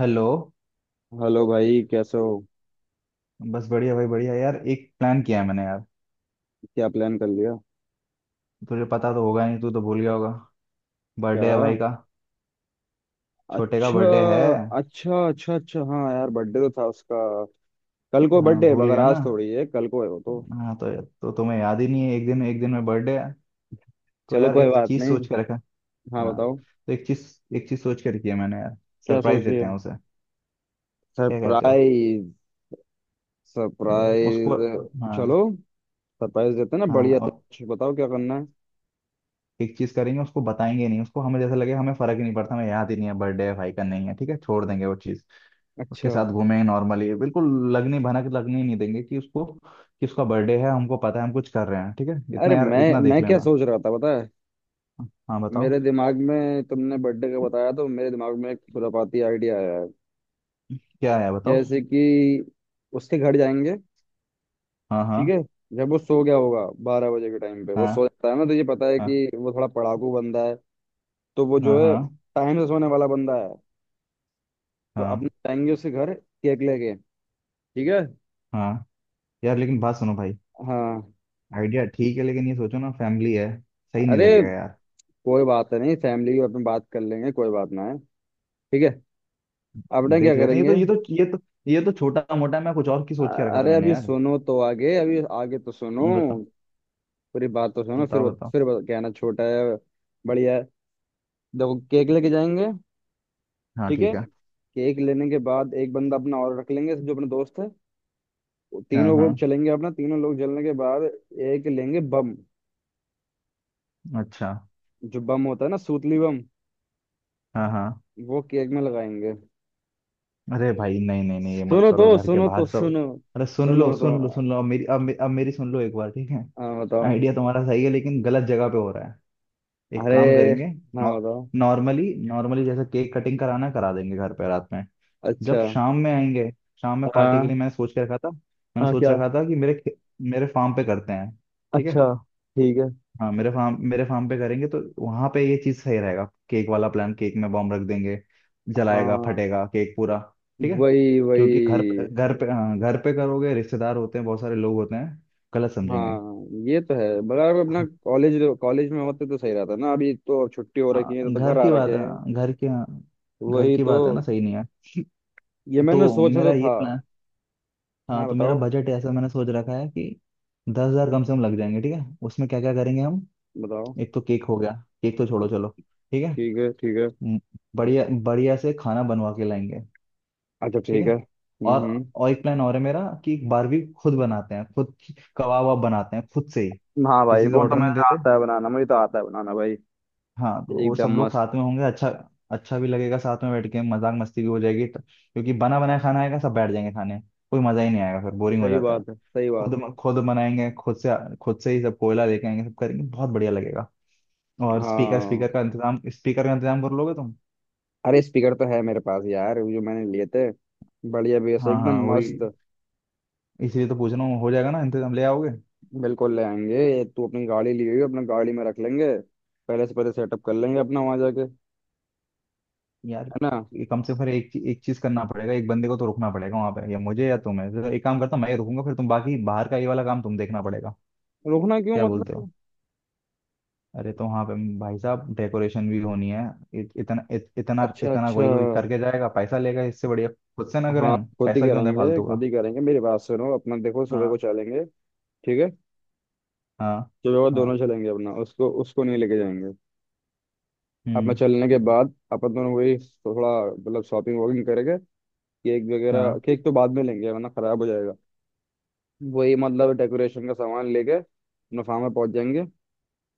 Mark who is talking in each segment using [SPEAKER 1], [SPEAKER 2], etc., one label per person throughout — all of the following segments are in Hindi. [SPEAKER 1] हेलो।
[SPEAKER 2] हेलो भाई, कैसे हो।
[SPEAKER 1] बस बढ़िया भाई, बढ़िया यार। एक प्लान किया है मैंने यार।
[SPEAKER 2] क्या प्लान कर लिया।
[SPEAKER 1] तुझे पता तो होगा नहीं, तू तो भूल गया होगा।
[SPEAKER 2] क्या।
[SPEAKER 1] बर्थडे है भाई का, छोटे का
[SPEAKER 2] अच्छा
[SPEAKER 1] बर्थडे है।
[SPEAKER 2] अच्छा अच्छा अच्छा, हाँ यार बर्थडे तो था उसका। कल को
[SPEAKER 1] हाँ,
[SPEAKER 2] बर्थडे है
[SPEAKER 1] भूल
[SPEAKER 2] मगर
[SPEAKER 1] गया ना।
[SPEAKER 2] आज थोड़ी है, कल को है वो तो।
[SPEAKER 1] हाँ तो तुम्हें याद ही नहीं है, एक दिन, एक दिन में बर्थडे है। तो
[SPEAKER 2] चलो
[SPEAKER 1] यार
[SPEAKER 2] कोई
[SPEAKER 1] एक
[SPEAKER 2] बात
[SPEAKER 1] चीज
[SPEAKER 2] नहीं।
[SPEAKER 1] सोच के रखा।
[SPEAKER 2] हाँ
[SPEAKER 1] हाँ,
[SPEAKER 2] बताओ।
[SPEAKER 1] तो एक चीज, एक चीज सोच के रखी है मैंने यार।
[SPEAKER 2] क्या
[SPEAKER 1] सरप्राइज
[SPEAKER 2] सोच
[SPEAKER 1] देते
[SPEAKER 2] लिया।
[SPEAKER 1] हैं उसे, क्या कहते हो?
[SPEAKER 2] सरप्राइज।
[SPEAKER 1] उसको।
[SPEAKER 2] सरप्राइज। चलो
[SPEAKER 1] हाँ।
[SPEAKER 2] सरप्राइज देते हैं ना
[SPEAKER 1] हाँ,
[SPEAKER 2] बढ़िया सा।
[SPEAKER 1] और
[SPEAKER 2] कुछ बताओ क्या करना है।
[SPEAKER 1] एक चीज करेंगे, उसको बताएंगे नहीं, उसको हमें जैसे लगे हमें फर्क ही नहीं पड़ता, हमें याद ही नहीं है बर्थडे है भाई का, नहीं है, ठीक है, छोड़ देंगे वो चीज। उसके
[SPEAKER 2] अच्छा।
[SPEAKER 1] साथ घूमें नॉर्मली बिल्कुल। लगनी भनक लगने ही नहीं देंगे कि उसको, कि उसका बर्थडे है हमको पता है, हम कुछ कर रहे हैं, ठीक है। इतना
[SPEAKER 2] अरे
[SPEAKER 1] यार
[SPEAKER 2] मैं
[SPEAKER 1] इतना देख
[SPEAKER 2] मैं क्या
[SPEAKER 1] लेना।
[SPEAKER 2] सोच रहा था पता है।
[SPEAKER 1] हाँ बताओ।
[SPEAKER 2] मेरे दिमाग में तुमने बर्थडे का बताया तो मेरे दिमाग में एक खुरापाती आइडिया आया है।
[SPEAKER 1] क्या है बताओ।
[SPEAKER 2] जैसे कि उसके घर जाएंगे।
[SPEAKER 1] हाँ हाँ
[SPEAKER 2] ठीक है। जब वो सो गया होगा 12 बजे के टाइम पे, वो सो जाता है ना तो ये पता है
[SPEAKER 1] हाँ।
[SPEAKER 2] कि वो थोड़ा पढ़ाकू बंदा है। तो वो
[SPEAKER 1] हाँ
[SPEAKER 2] जो
[SPEAKER 1] हाँ
[SPEAKER 2] है,
[SPEAKER 1] हाँ
[SPEAKER 2] टाइम से सोने वाला बंदा है। तो अपने
[SPEAKER 1] हाँ।
[SPEAKER 2] जाएंगे उसके घर केक लेके। ठीक है।
[SPEAKER 1] हाँ यार, लेकिन बात सुनो भाई।
[SPEAKER 2] हाँ।
[SPEAKER 1] आइडिया ठीक है लेकिन ये सोचो ना, फैमिली है, सही नहीं
[SPEAKER 2] अरे
[SPEAKER 1] लगेगा यार।
[SPEAKER 2] कोई बात नहीं, फैमिली की अपने बात कर लेंगे, कोई बात ना है। ठीक है। अपने क्या
[SPEAKER 1] देख लेते हैं। ये तो
[SPEAKER 2] करेंगे।
[SPEAKER 1] ये तो ये तो ये तो छोटा मोटा, मैं कुछ और की सोच के
[SPEAKER 2] अ-
[SPEAKER 1] रखा था
[SPEAKER 2] अरे
[SPEAKER 1] मैंने
[SPEAKER 2] अभी
[SPEAKER 1] यार।
[SPEAKER 2] सुनो तो आगे, अभी आगे तो सुनो।
[SPEAKER 1] बताओ
[SPEAKER 2] पूरी बात तो सुनो फिर
[SPEAKER 1] बताओ बताओ।
[SPEAKER 2] कहना छोटा है। बढ़िया है। देखो केक लेके जाएंगे।
[SPEAKER 1] हाँ
[SPEAKER 2] ठीक है।
[SPEAKER 1] ठीक है।
[SPEAKER 2] केक लेने के बाद एक बंदा अपना और रख लेंगे जो अपने दोस्त है।
[SPEAKER 1] हाँ
[SPEAKER 2] तीनों
[SPEAKER 1] हाँ।
[SPEAKER 2] लोग चलेंगे अपना, तीनों लोग जलने के बाद एक लेंगे बम।
[SPEAKER 1] अच्छा।
[SPEAKER 2] जो बम होता है ना, सूतली बम।
[SPEAKER 1] हाँ हाँ।
[SPEAKER 2] वो केक में लगाएंगे।
[SPEAKER 1] अरे भाई, नहीं नहीं नहीं, ये मत
[SPEAKER 2] सुनो तो
[SPEAKER 1] करो, घर के
[SPEAKER 2] सुनो तो
[SPEAKER 1] बाहर तो।
[SPEAKER 2] सुनो।
[SPEAKER 1] अरे सुन लो
[SPEAKER 2] सुनो तो।
[SPEAKER 1] सुन लो सुन लो, अब मेरी, अब मेरी सुन लो एक बार, ठीक है।
[SPEAKER 2] हाँ बताओ।
[SPEAKER 1] आइडिया तुम्हारा सही है लेकिन गलत जगह पे हो रहा है। एक
[SPEAKER 2] अरे
[SPEAKER 1] काम करेंगे,
[SPEAKER 2] हाँ बताओ।
[SPEAKER 1] नॉर्मली नॉर्मली जैसे केक कटिंग कराना है, करा देंगे घर पे रात में।
[SPEAKER 2] अच्छा।
[SPEAKER 1] जब शाम में आएंगे, शाम में पार्टी के लिए
[SPEAKER 2] हाँ
[SPEAKER 1] मैंने सोच के रखा था, मैंने
[SPEAKER 2] हाँ
[SPEAKER 1] सोच
[SPEAKER 2] क्या।
[SPEAKER 1] रखा था कि मेरे फार्म पे करते हैं, ठीक है।
[SPEAKER 2] अच्छा ठीक है
[SPEAKER 1] हाँ मेरे फार्म, मेरे फार्म पे करेंगे तो वहां पे ये चीज सही रहेगा। केक वाला प्लान, केक में बॉम्ब रख देंगे, जलाएगा
[SPEAKER 2] हाँ
[SPEAKER 1] फटेगा केक पूरा, ठीक है।
[SPEAKER 2] वही
[SPEAKER 1] क्योंकि घर पे,
[SPEAKER 2] वही।
[SPEAKER 1] घर पे, हाँ, घर पे करोगे रिश्तेदार होते हैं, बहुत सारे लोग होते हैं, गलत समझेंगे।
[SPEAKER 2] हाँ ये तो है बराबर। अपना कॉलेज, कॉलेज में होते तो सही रहता ना। अभी तो छुट्टी हो रखी है तो,
[SPEAKER 1] हाँ,
[SPEAKER 2] तो
[SPEAKER 1] घर
[SPEAKER 2] घर आ
[SPEAKER 1] की बात
[SPEAKER 2] रखे हैं।
[SPEAKER 1] है, घर की, हाँ, घर
[SPEAKER 2] वही
[SPEAKER 1] की
[SPEAKER 2] तो।
[SPEAKER 1] बात है ना, सही नहीं है।
[SPEAKER 2] ये मैंने
[SPEAKER 1] तो
[SPEAKER 2] सोचा
[SPEAKER 1] मेरा
[SPEAKER 2] तो
[SPEAKER 1] ये
[SPEAKER 2] था।
[SPEAKER 1] प्लान।
[SPEAKER 2] हाँ
[SPEAKER 1] हाँ तो मेरा
[SPEAKER 2] बताओ
[SPEAKER 1] बजट ऐसा मैंने सोच रखा है कि दस हजार कम से कम लग जाएंगे, ठीक है। उसमें क्या क्या करेंगे हम।
[SPEAKER 2] बताओ।
[SPEAKER 1] एक तो केक हो गया, केक तो छोड़ो चलो, ठीक है।
[SPEAKER 2] ठीक है ठीक है।
[SPEAKER 1] म- बढ़िया बढ़िया से खाना बनवा के लाएंगे,
[SPEAKER 2] अच्छा
[SPEAKER 1] ठीक
[SPEAKER 2] ठीक है
[SPEAKER 1] है। और
[SPEAKER 2] हम्म।
[SPEAKER 1] और एक प्लान और है मेरा कि एक बारबी खुद बनाते हैं खुद, कबाब वबाब बनाते हैं खुद से ही,
[SPEAKER 2] हाँ भाई
[SPEAKER 1] किसी से
[SPEAKER 2] वो तो
[SPEAKER 1] ऑर्डर नहीं
[SPEAKER 2] मुझे
[SPEAKER 1] देते।
[SPEAKER 2] आता है बनाना, मुझे तो आता है बनाना भाई।
[SPEAKER 1] हाँ तो वो सब
[SPEAKER 2] एकदम
[SPEAKER 1] लोग
[SPEAKER 2] मस्त।
[SPEAKER 1] साथ में होंगे, अच्छा। अच्छा भी लगेगा साथ में बैठ के, मजाक मस्ती भी हो जाएगी तो, क्योंकि बना बनाया खाना आएगा सब बैठ जाएंगे खाने, कोई मजा ही नहीं आएगा, फिर बोरिंग हो
[SPEAKER 2] सही
[SPEAKER 1] जाता है।
[SPEAKER 2] बात है सही बात।
[SPEAKER 1] खुद खुद बनाएंगे खुद से, खुद से ही सब, कोयला लेके आएंगे सब करेंगे, बहुत बढ़िया लगेगा।
[SPEAKER 2] है।
[SPEAKER 1] और स्पीकर,
[SPEAKER 2] हाँ।
[SPEAKER 1] स्पीकर का इंतजाम, स्पीकर का इंतजाम कर लोगे तुम?
[SPEAKER 2] अरे स्पीकर तो है मेरे पास यार, वो जो मैंने लिए थे। बढ़िया बेस
[SPEAKER 1] हाँ हाँ
[SPEAKER 2] एकदम
[SPEAKER 1] वही,
[SPEAKER 2] मस्त।
[SPEAKER 1] इसीलिए तो पूछ रहा हूँ, हो जाएगा ना इंतजाम, ले आओगे।
[SPEAKER 2] बिल्कुल ले आएंगे, ये तू अपनी गाड़ी लिए हुई, अपना गाड़ी में रख लेंगे। पहले से पहले सेटअप कर लेंगे अपना वहां जाके, है
[SPEAKER 1] यार
[SPEAKER 2] ना।
[SPEAKER 1] ये कम से कम फिर एक एक चीज करना पड़ेगा, एक बंदे को तो रुकना पड़ेगा वहां पे, या मुझे या तुम्हें, तो एक काम करता हूँ मैं ही रुकूंगा फिर, तुम बाकी बाहर का ये वाला काम तुम देखना पड़ेगा।
[SPEAKER 2] रुकना क्यों
[SPEAKER 1] क्या
[SPEAKER 2] मतलब।
[SPEAKER 1] बोलते हो? अरे तो वहाँ पे भाई साहब डेकोरेशन भी होनी है। इतना
[SPEAKER 2] अच्छा
[SPEAKER 1] इतना
[SPEAKER 2] अच्छा।
[SPEAKER 1] कोई कोई करके जाएगा पैसा लेगा, इससे बढ़िया खुद से ना करें
[SPEAKER 2] हाँ
[SPEAKER 1] हम,
[SPEAKER 2] खुद ही
[SPEAKER 1] पैसा क्यों दें
[SPEAKER 2] करेंगे
[SPEAKER 1] फालतू
[SPEAKER 2] खुद
[SPEAKER 1] का।
[SPEAKER 2] ही करेंगे, मेरी बात सुनो अपना, देखो सुबह को
[SPEAKER 1] हाँ
[SPEAKER 2] चलेंगे। ठीक है।
[SPEAKER 1] हाँ।
[SPEAKER 2] चलो वो दोनों
[SPEAKER 1] हाँ।
[SPEAKER 2] चलेंगे अपना, उसको उसको नहीं लेके जाएंगे। अपना
[SPEAKER 1] हम्म।
[SPEAKER 2] चलने के बाद अपन दोनों वही थोड़ा, मतलब शॉपिंग वॉकिंग करेंगे। केक वगैरह,
[SPEAKER 1] हाँ
[SPEAKER 2] केक तो बाद में लेंगे वरना खराब हो जाएगा। वही मतलब डेकोरेशन का सामान लेके अपना फार्म में पहुंच जाएंगे।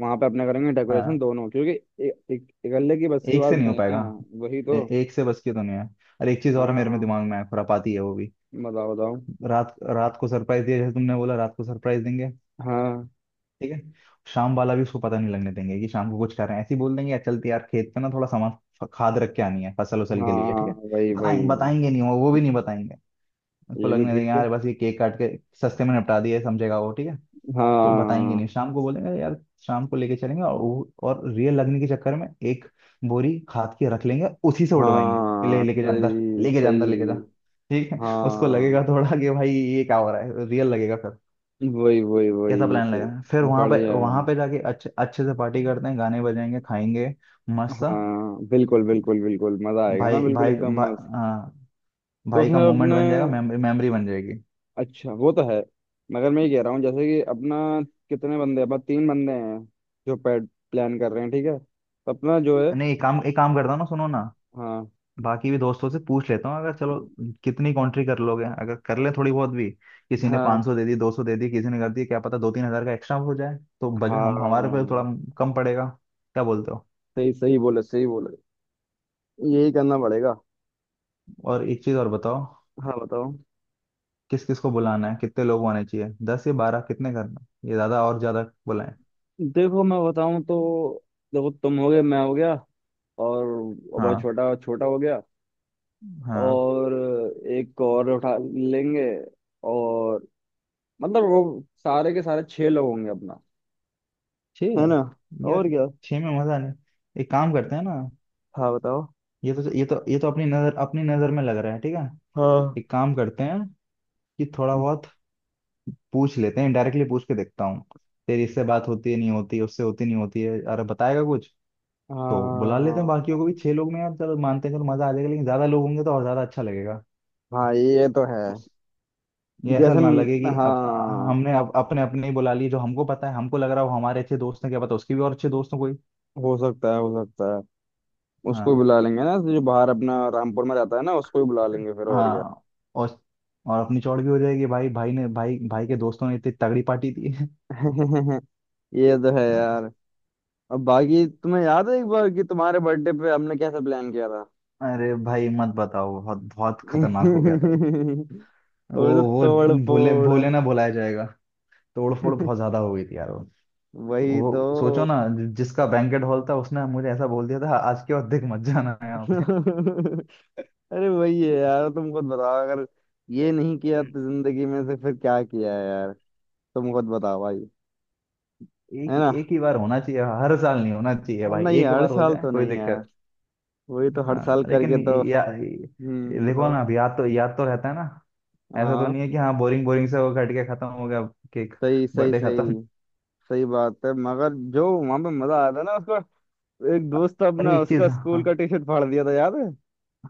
[SPEAKER 2] वहां पे अपने करेंगे डेकोरेशन
[SPEAKER 1] हाँ।
[SPEAKER 2] दोनों, क्योंकि एक इकल्ले की बस की
[SPEAKER 1] एक
[SPEAKER 2] बात
[SPEAKER 1] से नहीं हो
[SPEAKER 2] नहीं है
[SPEAKER 1] पाएगा।
[SPEAKER 2] ना। वही तो।
[SPEAKER 1] एक से बस की तो नहीं है। अरे एक चीज और मेरे में
[SPEAKER 2] हाँ
[SPEAKER 1] दिमाग में है, खुरापाती है वो भी।
[SPEAKER 2] बताओ बताओ।
[SPEAKER 1] रात, रात को सरप्राइज दिया जैसे तुमने बोला, रात को सरप्राइज देंगे,
[SPEAKER 2] हाँ
[SPEAKER 1] ठीक है। शाम वाला भी उसको पता नहीं लगने देंगे कि शाम को कुछ कर रहे हैं, ऐसे ही बोल देंगे "यार, चलते यार खेत पे ना, थोड़ा सामान खाद रख के आनी है, फसल उसल के लिए,
[SPEAKER 2] हाँ
[SPEAKER 1] ठीक है।
[SPEAKER 2] वही वही।
[SPEAKER 1] बताएंगे, बताएंगे नहीं वो, वो भी नहीं बताएंगे। उसको
[SPEAKER 2] ये भी
[SPEAKER 1] लगने देंगे
[SPEAKER 2] ठीक है।
[SPEAKER 1] यार, बस ये केक काट के सस्ते में निपटा दिए, समझेगा वो, ठीक है। तो बताएंगे
[SPEAKER 2] हाँ।
[SPEAKER 1] नहीं, शाम को बोलेंगे यार, शाम को लेके चलेंगे, और रियल लगने के चक्कर में एक बोरी खाद की रख लेंगे, उसी से उठवाएंगे कि ले,
[SPEAKER 2] हाँ
[SPEAKER 1] लेके जा अंदर,
[SPEAKER 2] सही
[SPEAKER 1] लेके जा
[SPEAKER 2] सही।
[SPEAKER 1] अंदर, लेके जा। ठीक है। उसको
[SPEAKER 2] हाँ
[SPEAKER 1] लगेगा थोड़ा कि भाई ये क्या हो रहा है, रियल लगेगा फिर।
[SPEAKER 2] वही वही
[SPEAKER 1] कैसा
[SPEAKER 2] वही
[SPEAKER 1] प्लान लगा?
[SPEAKER 2] सही।
[SPEAKER 1] फिर वहां पे,
[SPEAKER 2] बढ़िया।
[SPEAKER 1] वहां पे जाके अच्छे अच्छे से पार्टी करते हैं, गाने बजाएंगे, खाएंगे, मस्त सा।
[SPEAKER 2] हाँ बिल्कुल बिल्कुल बिल्कुल मजा आएगा ना,
[SPEAKER 1] भाई
[SPEAKER 2] बिल्कुल
[SPEAKER 1] भाई
[SPEAKER 2] एकदम
[SPEAKER 1] भा,
[SPEAKER 2] मस्त।
[SPEAKER 1] हाँ,
[SPEAKER 2] तो
[SPEAKER 1] भाई का
[SPEAKER 2] उसमें
[SPEAKER 1] मोमेंट
[SPEAKER 2] अपने,
[SPEAKER 1] बन जाएगा, मेमोरी, मेमोरी बन जाएगी।
[SPEAKER 2] अच्छा वो तो है। मगर मैं ये कह रहा हूँ जैसे कि अपना कितने बंदे, अपना तीन बंदे हैं जो पैड प्लान कर रहे हैं, ठीक है तो अपना जो है।
[SPEAKER 1] नहीं, एक काम, एक काम करता हूँ ना सुनो ना।
[SPEAKER 2] हाँ
[SPEAKER 1] बाकी भी दोस्तों से पूछ लेता हूँ, अगर चलो कितनी कॉन्ट्री कर लोगे, अगर कर ले थोड़ी बहुत भी, किसी ने 500
[SPEAKER 2] हाँ
[SPEAKER 1] सौ दे दी, दो सौ दे दी किसी ने, कर दी, क्या पता दो तीन हजार का एक्स्ट्रा हो जाए, तो बजट हम हमारे पे
[SPEAKER 2] हाँ
[SPEAKER 1] थोड़ा कम पड़ेगा। क्या बोलते हो?
[SPEAKER 2] सही सही बोले सही बोले। यही करना पड़ेगा।
[SPEAKER 1] और एक चीज और बताओ,
[SPEAKER 2] हाँ बताओ।
[SPEAKER 1] किस किस को बुलाना है, कितने लोग आने चाहिए, दस या बारह, कितने करना है? ये ज्यादा और ज्यादा बुलाएं।
[SPEAKER 2] देखो मैं बताऊं तो, देखो तुम हो गए, मैं हो गया, और अब
[SPEAKER 1] हाँ
[SPEAKER 2] छोटा, छोटा हो गया,
[SPEAKER 1] हाँ।
[SPEAKER 2] और एक और उठा लेंगे, और मतलब वो सारे के सारे छह लोग होंगे अपना, है
[SPEAKER 1] छः।
[SPEAKER 2] ना।
[SPEAKER 1] यार,
[SPEAKER 2] और क्या।
[SPEAKER 1] छः में मजा नहीं। एक काम करते हैं ना।
[SPEAKER 2] हाँ बताओ।
[SPEAKER 1] ये तो अपनी नजर, अपनी नजर में लग रहा है ठीक है।
[SPEAKER 2] हाँ
[SPEAKER 1] एक काम करते हैं कि थोड़ा बहुत पूछ लेते हैं, डायरेक्टली पूछ के देखता हूँ, तेरी इससे बात होती है नहीं होती, उससे होती नहीं होती है, अरे बताएगा कुछ तो, बुला लेते हैं बाकियों को
[SPEAKER 2] हाँ
[SPEAKER 1] भी। छह लोग में यार चलो मानते हैं चलो मजा आ जाएगा, लेकिन ज्यादा लोग होंगे तो और ज्यादा अच्छा लगेगा।
[SPEAKER 2] हाँ ये तो है।
[SPEAKER 1] उस ये ऐसा
[SPEAKER 2] जैसे
[SPEAKER 1] ना
[SPEAKER 2] हम-,
[SPEAKER 1] लगे कि अब
[SPEAKER 2] हाँ
[SPEAKER 1] हमने अब अपने अपने ही बुला लिए, जो हमको पता है हमको लग रहा है वो हमारे अच्छे दोस्त हैं, क्या पता उसके भी और अच्छे दोस्त हों कोई।
[SPEAKER 2] हो सकता है हो सकता है। उसको भी
[SPEAKER 1] हाँ।
[SPEAKER 2] बुला लेंगे ना जो बाहर अपना रामपुर में रहता है ना, उसको भी बुला लेंगे फिर, और क्या।
[SPEAKER 1] हाँ। और और अपनी चौड़ भी हो जाएगी, भाई, भाई ने, भाई, भाई के दोस्तों ने इतनी तगड़ी पार्टी दी है।
[SPEAKER 2] ये तो है
[SPEAKER 1] हाँ।
[SPEAKER 2] यार। अब बाकी तुम्हें याद है एक बार कि तुम्हारे बर्थडे पे हमने कैसा प्लान किया था।
[SPEAKER 1] अरे भाई मत बताओ, बहुत बहुत खतरनाक हो गया था वो। वो
[SPEAKER 2] वो तो
[SPEAKER 1] वो
[SPEAKER 2] तोड़
[SPEAKER 1] भूले
[SPEAKER 2] फोड़।
[SPEAKER 1] भूले ना भुलाया जाएगा। तोड़ फोड़ बहुत ज्यादा हो गई थी यार वो।
[SPEAKER 2] वही तो।
[SPEAKER 1] वो सोचो ना, जिसका बैंकेट हॉल था उसने मुझे ऐसा बोल दिया था, आज के बाद देख मत जाना यहाँ पे।
[SPEAKER 2] अरे वही है यार, तुम खुद बताओ, अगर ये नहीं किया तो जिंदगी में से फिर क्या किया है यार। तुम खुद बताओ भाई।
[SPEAKER 1] एक,
[SPEAKER 2] है ना।
[SPEAKER 1] एक ही बार होना चाहिए, हर साल नहीं होना चाहिए
[SPEAKER 2] अ,
[SPEAKER 1] भाई,
[SPEAKER 2] नहीं
[SPEAKER 1] एक
[SPEAKER 2] हर
[SPEAKER 1] बार हो
[SPEAKER 2] साल
[SPEAKER 1] जाए
[SPEAKER 2] तो
[SPEAKER 1] कोई
[SPEAKER 2] नहीं यार।
[SPEAKER 1] दिक्कत।
[SPEAKER 2] वही तो हर
[SPEAKER 1] हाँ
[SPEAKER 2] साल
[SPEAKER 1] लेकिन
[SPEAKER 2] करके तो।
[SPEAKER 1] या, देखो
[SPEAKER 2] बताओ।
[SPEAKER 1] ना, अब याद तो, याद तो रहता है ना, ऐसा तो नहीं
[SPEAKER 2] हाँ।
[SPEAKER 1] है कि हाँ बोरिंग बोरिंग से वो कट के खत्म हो गया केक,
[SPEAKER 2] सही सही
[SPEAKER 1] बर्थडे खत्म।
[SPEAKER 2] सही। सही बात है मगर जो वहां पे मजा आया था ना उसका। एक दोस्त
[SPEAKER 1] अरे
[SPEAKER 2] अपना
[SPEAKER 1] एक चीज,
[SPEAKER 2] उसका
[SPEAKER 1] हाँ।
[SPEAKER 2] स्कूल का टी शर्ट फाड़ दिया था, याद है।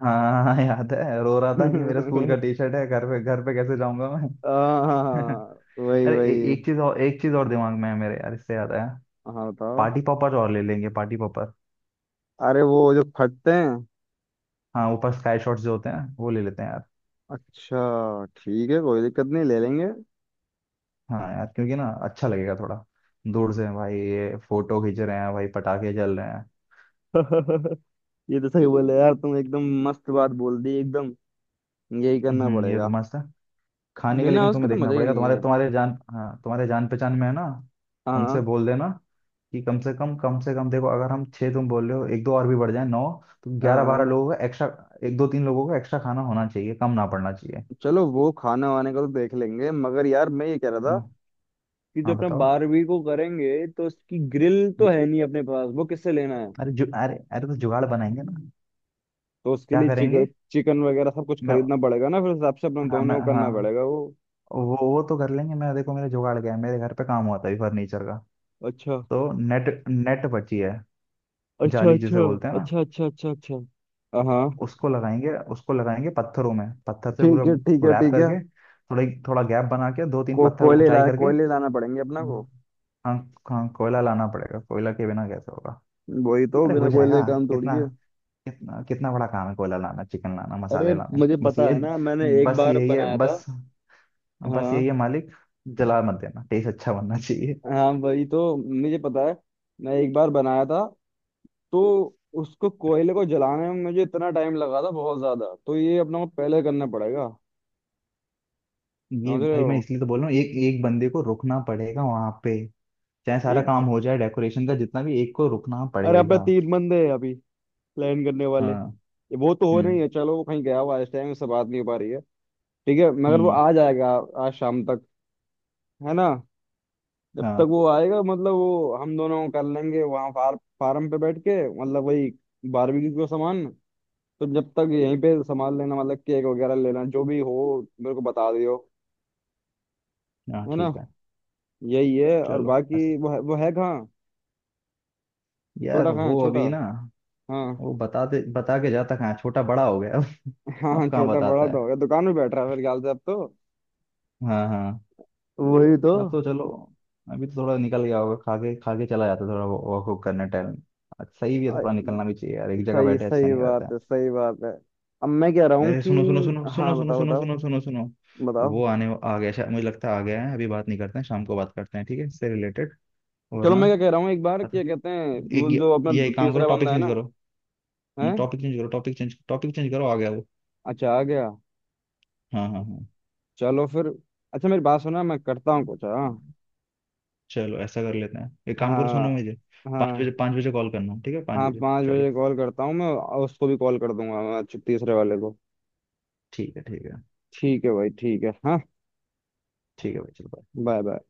[SPEAKER 1] हाँ हाँ, याद है, रो रहा था कि मेरा स्कूल का टी शर्ट है, घर पे, घर पे कैसे जाऊंगा मैं।
[SPEAKER 2] हाँ हाँ, वही
[SPEAKER 1] अरे ए,
[SPEAKER 2] वही।
[SPEAKER 1] एक चीज और, एक चीज और दिमाग में है मेरे यार, इससे याद आया।
[SPEAKER 2] हाँ बताओ।
[SPEAKER 1] पार्टी पॉपर और ले लेंगे, पार्टी पॉपर।
[SPEAKER 2] अरे वो जो फटते हैं।
[SPEAKER 1] हाँ, ऊपर स्काई शॉट्स जो होते हैं वो ले लेते हैं यार।
[SPEAKER 2] अच्छा ठीक है कोई दिक्कत नहीं, ले लेंगे।
[SPEAKER 1] हाँ यार, क्योंकि ना अच्छा लगेगा थोड़ा, दूर से भाई ये फोटो खींच रहे हैं, भाई पटाखे जल रहे हैं।
[SPEAKER 2] ये तो सही बोले यार तुम, एकदम मस्त बात बोल दी एकदम। यही करना
[SPEAKER 1] हम्म, ये तो
[SPEAKER 2] पड़ेगा।
[SPEAKER 1] मस्त है। खाने का
[SPEAKER 2] बिना
[SPEAKER 1] लेकिन
[SPEAKER 2] उसके
[SPEAKER 1] तुम्हें
[SPEAKER 2] तो
[SPEAKER 1] देखना
[SPEAKER 2] मजा ही
[SPEAKER 1] पड़ेगा,
[SPEAKER 2] नहीं
[SPEAKER 1] तुम्हारे,
[SPEAKER 2] है।
[SPEAKER 1] तुम्हारे जान, हाँ, तुम्हारे जान पहचान में है ना। उनसे
[SPEAKER 2] हाँ।
[SPEAKER 1] बोल देना कि कम से कम, कम से कम देखो, अगर हम छः, तुम बोल रहे हो एक दो और भी बढ़ जाए नौ, तो ग्यारह बारह
[SPEAKER 2] हाँ
[SPEAKER 1] लोगों का एक्स्ट्रा, एक दो तीन लोगों का एक्स्ट्रा खाना होना चाहिए, कम ना पड़ना चाहिए।
[SPEAKER 2] चलो वो खाना वाने का तो देख लेंगे, मगर यार मैं ये कह रहा था
[SPEAKER 1] हाँ,
[SPEAKER 2] कि जो
[SPEAKER 1] हाँ,
[SPEAKER 2] अपने
[SPEAKER 1] बताओ।
[SPEAKER 2] 12वीं को करेंगे तो उसकी ग्रिल तो
[SPEAKER 1] हम्म,
[SPEAKER 2] है नहीं अपने पास, वो किससे लेना है।
[SPEAKER 1] अरे अरे तो जुगाड़ बनाएंगे ना।
[SPEAKER 2] तो उसके
[SPEAKER 1] क्या
[SPEAKER 2] लिए चिकन,
[SPEAKER 1] करेंगे?
[SPEAKER 2] चिकन वगैरह सब कुछ
[SPEAKER 1] मैं
[SPEAKER 2] खरीदना पड़ेगा ना, फिर उस हिसाब से अपना
[SPEAKER 1] हाँ
[SPEAKER 2] दोनों
[SPEAKER 1] मैं,
[SPEAKER 2] को
[SPEAKER 1] हाँ
[SPEAKER 2] करना पड़ेगा वो।
[SPEAKER 1] वो तो कर लेंगे, मैं देखो मेरा जुगाड़, गया मेरे घर पे काम हुआ था अभी फर्नीचर का,
[SPEAKER 2] अच्छा
[SPEAKER 1] तो नेट, नेट बची है,
[SPEAKER 2] अच्छा
[SPEAKER 1] जाली जिसे
[SPEAKER 2] अच्छा
[SPEAKER 1] बोलते हैं ना।
[SPEAKER 2] अच्छा अच्छा अच्छा अच्छा हाँ।
[SPEAKER 1] उसको लगाएंगे, उसको लगाएंगे पत्थरों में, पत्थर से
[SPEAKER 2] ठीक है ठीक है
[SPEAKER 1] पूरा रैप
[SPEAKER 2] ठीक है।
[SPEAKER 1] करके, थोड़ा थोड़ा गैप बना के दो तीन पत्थर
[SPEAKER 2] कोयले
[SPEAKER 1] ऊंचाई
[SPEAKER 2] ला
[SPEAKER 1] करके।
[SPEAKER 2] कोयले लाना पड़ेंगे अपना
[SPEAKER 1] हाँ
[SPEAKER 2] को।
[SPEAKER 1] हाँ। हाँ, कोयला लाना पड़ेगा, कोयला के बिना कैसे होगा।
[SPEAKER 2] वही तो,
[SPEAKER 1] अरे
[SPEAKER 2] बिना
[SPEAKER 1] हो जाएगा।
[SPEAKER 2] कोयले के काम थोड़ी
[SPEAKER 1] कितना,
[SPEAKER 2] है।
[SPEAKER 1] कितना, कितना बड़ा काम है, कोयला लाना, चिकन लाना,
[SPEAKER 2] अरे
[SPEAKER 1] मसाले लाने,
[SPEAKER 2] मुझे
[SPEAKER 1] बस
[SPEAKER 2] पता
[SPEAKER 1] ये।
[SPEAKER 2] है ना, मैंने एक
[SPEAKER 1] बस
[SPEAKER 2] बार
[SPEAKER 1] यही है,
[SPEAKER 2] बनाया था।
[SPEAKER 1] बस। बस
[SPEAKER 2] हाँ
[SPEAKER 1] यही है मालिक, जला मत देना, टेस्ट अच्छा बनना चाहिए।
[SPEAKER 2] हाँ वही तो मुझे पता है। मैं एक बार बनाया था तो, उसको कोयले को जलाने में मुझे इतना टाइम लगा था बहुत ज्यादा, तो ये अपना को पहले करना पड़ेगा।
[SPEAKER 1] ये
[SPEAKER 2] समझ रहे
[SPEAKER 1] भाई मैं
[SPEAKER 2] हो।
[SPEAKER 1] इसलिए तो बोल रहा हूँ, एक, एक बंदे को रुकना पड़ेगा वहां पे, चाहे सारा
[SPEAKER 2] एक,
[SPEAKER 1] काम हो जाए डेकोरेशन का जितना भी, एक को रुकना
[SPEAKER 2] अरे अपना
[SPEAKER 1] पड़ेगा।
[SPEAKER 2] तीन बंदे हैं अभी प्लान करने वाले।
[SPEAKER 1] हाँ।
[SPEAKER 2] वो तो हो
[SPEAKER 1] हम्म।
[SPEAKER 2] नहीं है, चलो वो कहीं गया हुआ है इस टाइम से बात नहीं हो पा रही है। ठीक है मगर वो
[SPEAKER 1] हम्म।
[SPEAKER 2] आ जाएगा आज शाम तक, है ना। जब तक
[SPEAKER 1] हाँ।
[SPEAKER 2] वो आएगा मतलब वो हम दोनों कर लेंगे वहाँ फार्म पे बैठ के, मतलब वही बारबेक्यू का सामान। तो जब तक यहीं पे संभाल लेना, मतलब केक वगैरह लेना जो भी हो, मेरे को बता दियो।
[SPEAKER 1] हाँ
[SPEAKER 2] है ना।
[SPEAKER 1] ठीक है।
[SPEAKER 2] यही है और
[SPEAKER 1] चलो बस।
[SPEAKER 2] बाकी वो है कहाँ। छोटा
[SPEAKER 1] यार
[SPEAKER 2] कहाँ है
[SPEAKER 1] वो
[SPEAKER 2] छोटा।
[SPEAKER 1] अभी ना,
[SPEAKER 2] हाँ
[SPEAKER 1] वो बताते बता के जाता कहाँ है? छोटा बड़ा हो गया
[SPEAKER 2] हाँ
[SPEAKER 1] अब।
[SPEAKER 2] हाँ
[SPEAKER 1] अब कहाँ
[SPEAKER 2] छोटा बड़ा
[SPEAKER 1] बताता
[SPEAKER 2] तो हो
[SPEAKER 1] है।
[SPEAKER 2] गया, दुकान में बैठ रहा है मेरे ख्याल से अब तो।
[SPEAKER 1] हाँ हाँ।
[SPEAKER 2] वही तो।
[SPEAKER 1] अब तो चलो, अभी तो थोड़ा निकल गया होगा, खा के, खा के चला जाता है थोड़ा वॉक, वॉक करने टाइम। सही भी है,
[SPEAKER 2] आ,
[SPEAKER 1] थोड़ा निकलना भी चाहिए यार, एक जगह
[SPEAKER 2] सही
[SPEAKER 1] बैठे ऐसा
[SPEAKER 2] सही
[SPEAKER 1] नहीं रहता है।
[SPEAKER 2] बात है सही बात है। अब मैं कह रहा हूँ
[SPEAKER 1] अरे
[SPEAKER 2] कि।
[SPEAKER 1] सुनो सुनो सुनो सुनो
[SPEAKER 2] हाँ
[SPEAKER 1] सुनो
[SPEAKER 2] बताओ
[SPEAKER 1] सुनो
[SPEAKER 2] बताओ
[SPEAKER 1] सुनो सुनो सुनो।
[SPEAKER 2] बताओ।
[SPEAKER 1] वो आने आ गया शायद, मुझे लगता है आ गया है, अभी बात नहीं करते हैं, शाम को बात करते हैं ठीक है, इससे रिलेटेड,
[SPEAKER 2] चलो मैं
[SPEAKER 1] वरना।
[SPEAKER 2] क्या कह रहा हूँ, एक बार क्या कहते हैं वो
[SPEAKER 1] एक
[SPEAKER 2] जो अपना
[SPEAKER 1] ये एक काम करो,
[SPEAKER 2] तीसरा
[SPEAKER 1] टॉपिक
[SPEAKER 2] बंदा है
[SPEAKER 1] चेंज
[SPEAKER 2] ना।
[SPEAKER 1] करो,
[SPEAKER 2] है।
[SPEAKER 1] टॉपिक चेंज करो, टॉपिक चेंज करो, आ गया वो।
[SPEAKER 2] अच्छा आ गया।
[SPEAKER 1] हाँ हाँ
[SPEAKER 2] चलो फिर। अच्छा मेरी बात सुना, मैं करता हूँ कुछ। हाँ।
[SPEAKER 1] हाँ। चलो ऐसा कर लेते हैं, एक काम करो,
[SPEAKER 2] हाँ।
[SPEAKER 1] सुनो मुझे, पाँच
[SPEAKER 2] हाँ।
[SPEAKER 1] बजे, पाँच बजे कॉल करना, ठीक है पाँच
[SPEAKER 2] हाँ
[SPEAKER 1] बजे,
[SPEAKER 2] पाँच
[SPEAKER 1] चलो।
[SPEAKER 2] बजे कॉल करता हूँ मैं, और उसको भी कॉल कर दूंगा मैं, अच्छा, तीसरे वाले को।
[SPEAKER 1] ठीक है, ठीक है,
[SPEAKER 2] ठीक है भाई ठीक है हाँ।
[SPEAKER 1] ठीक है भाई चलो।
[SPEAKER 2] Bye bye.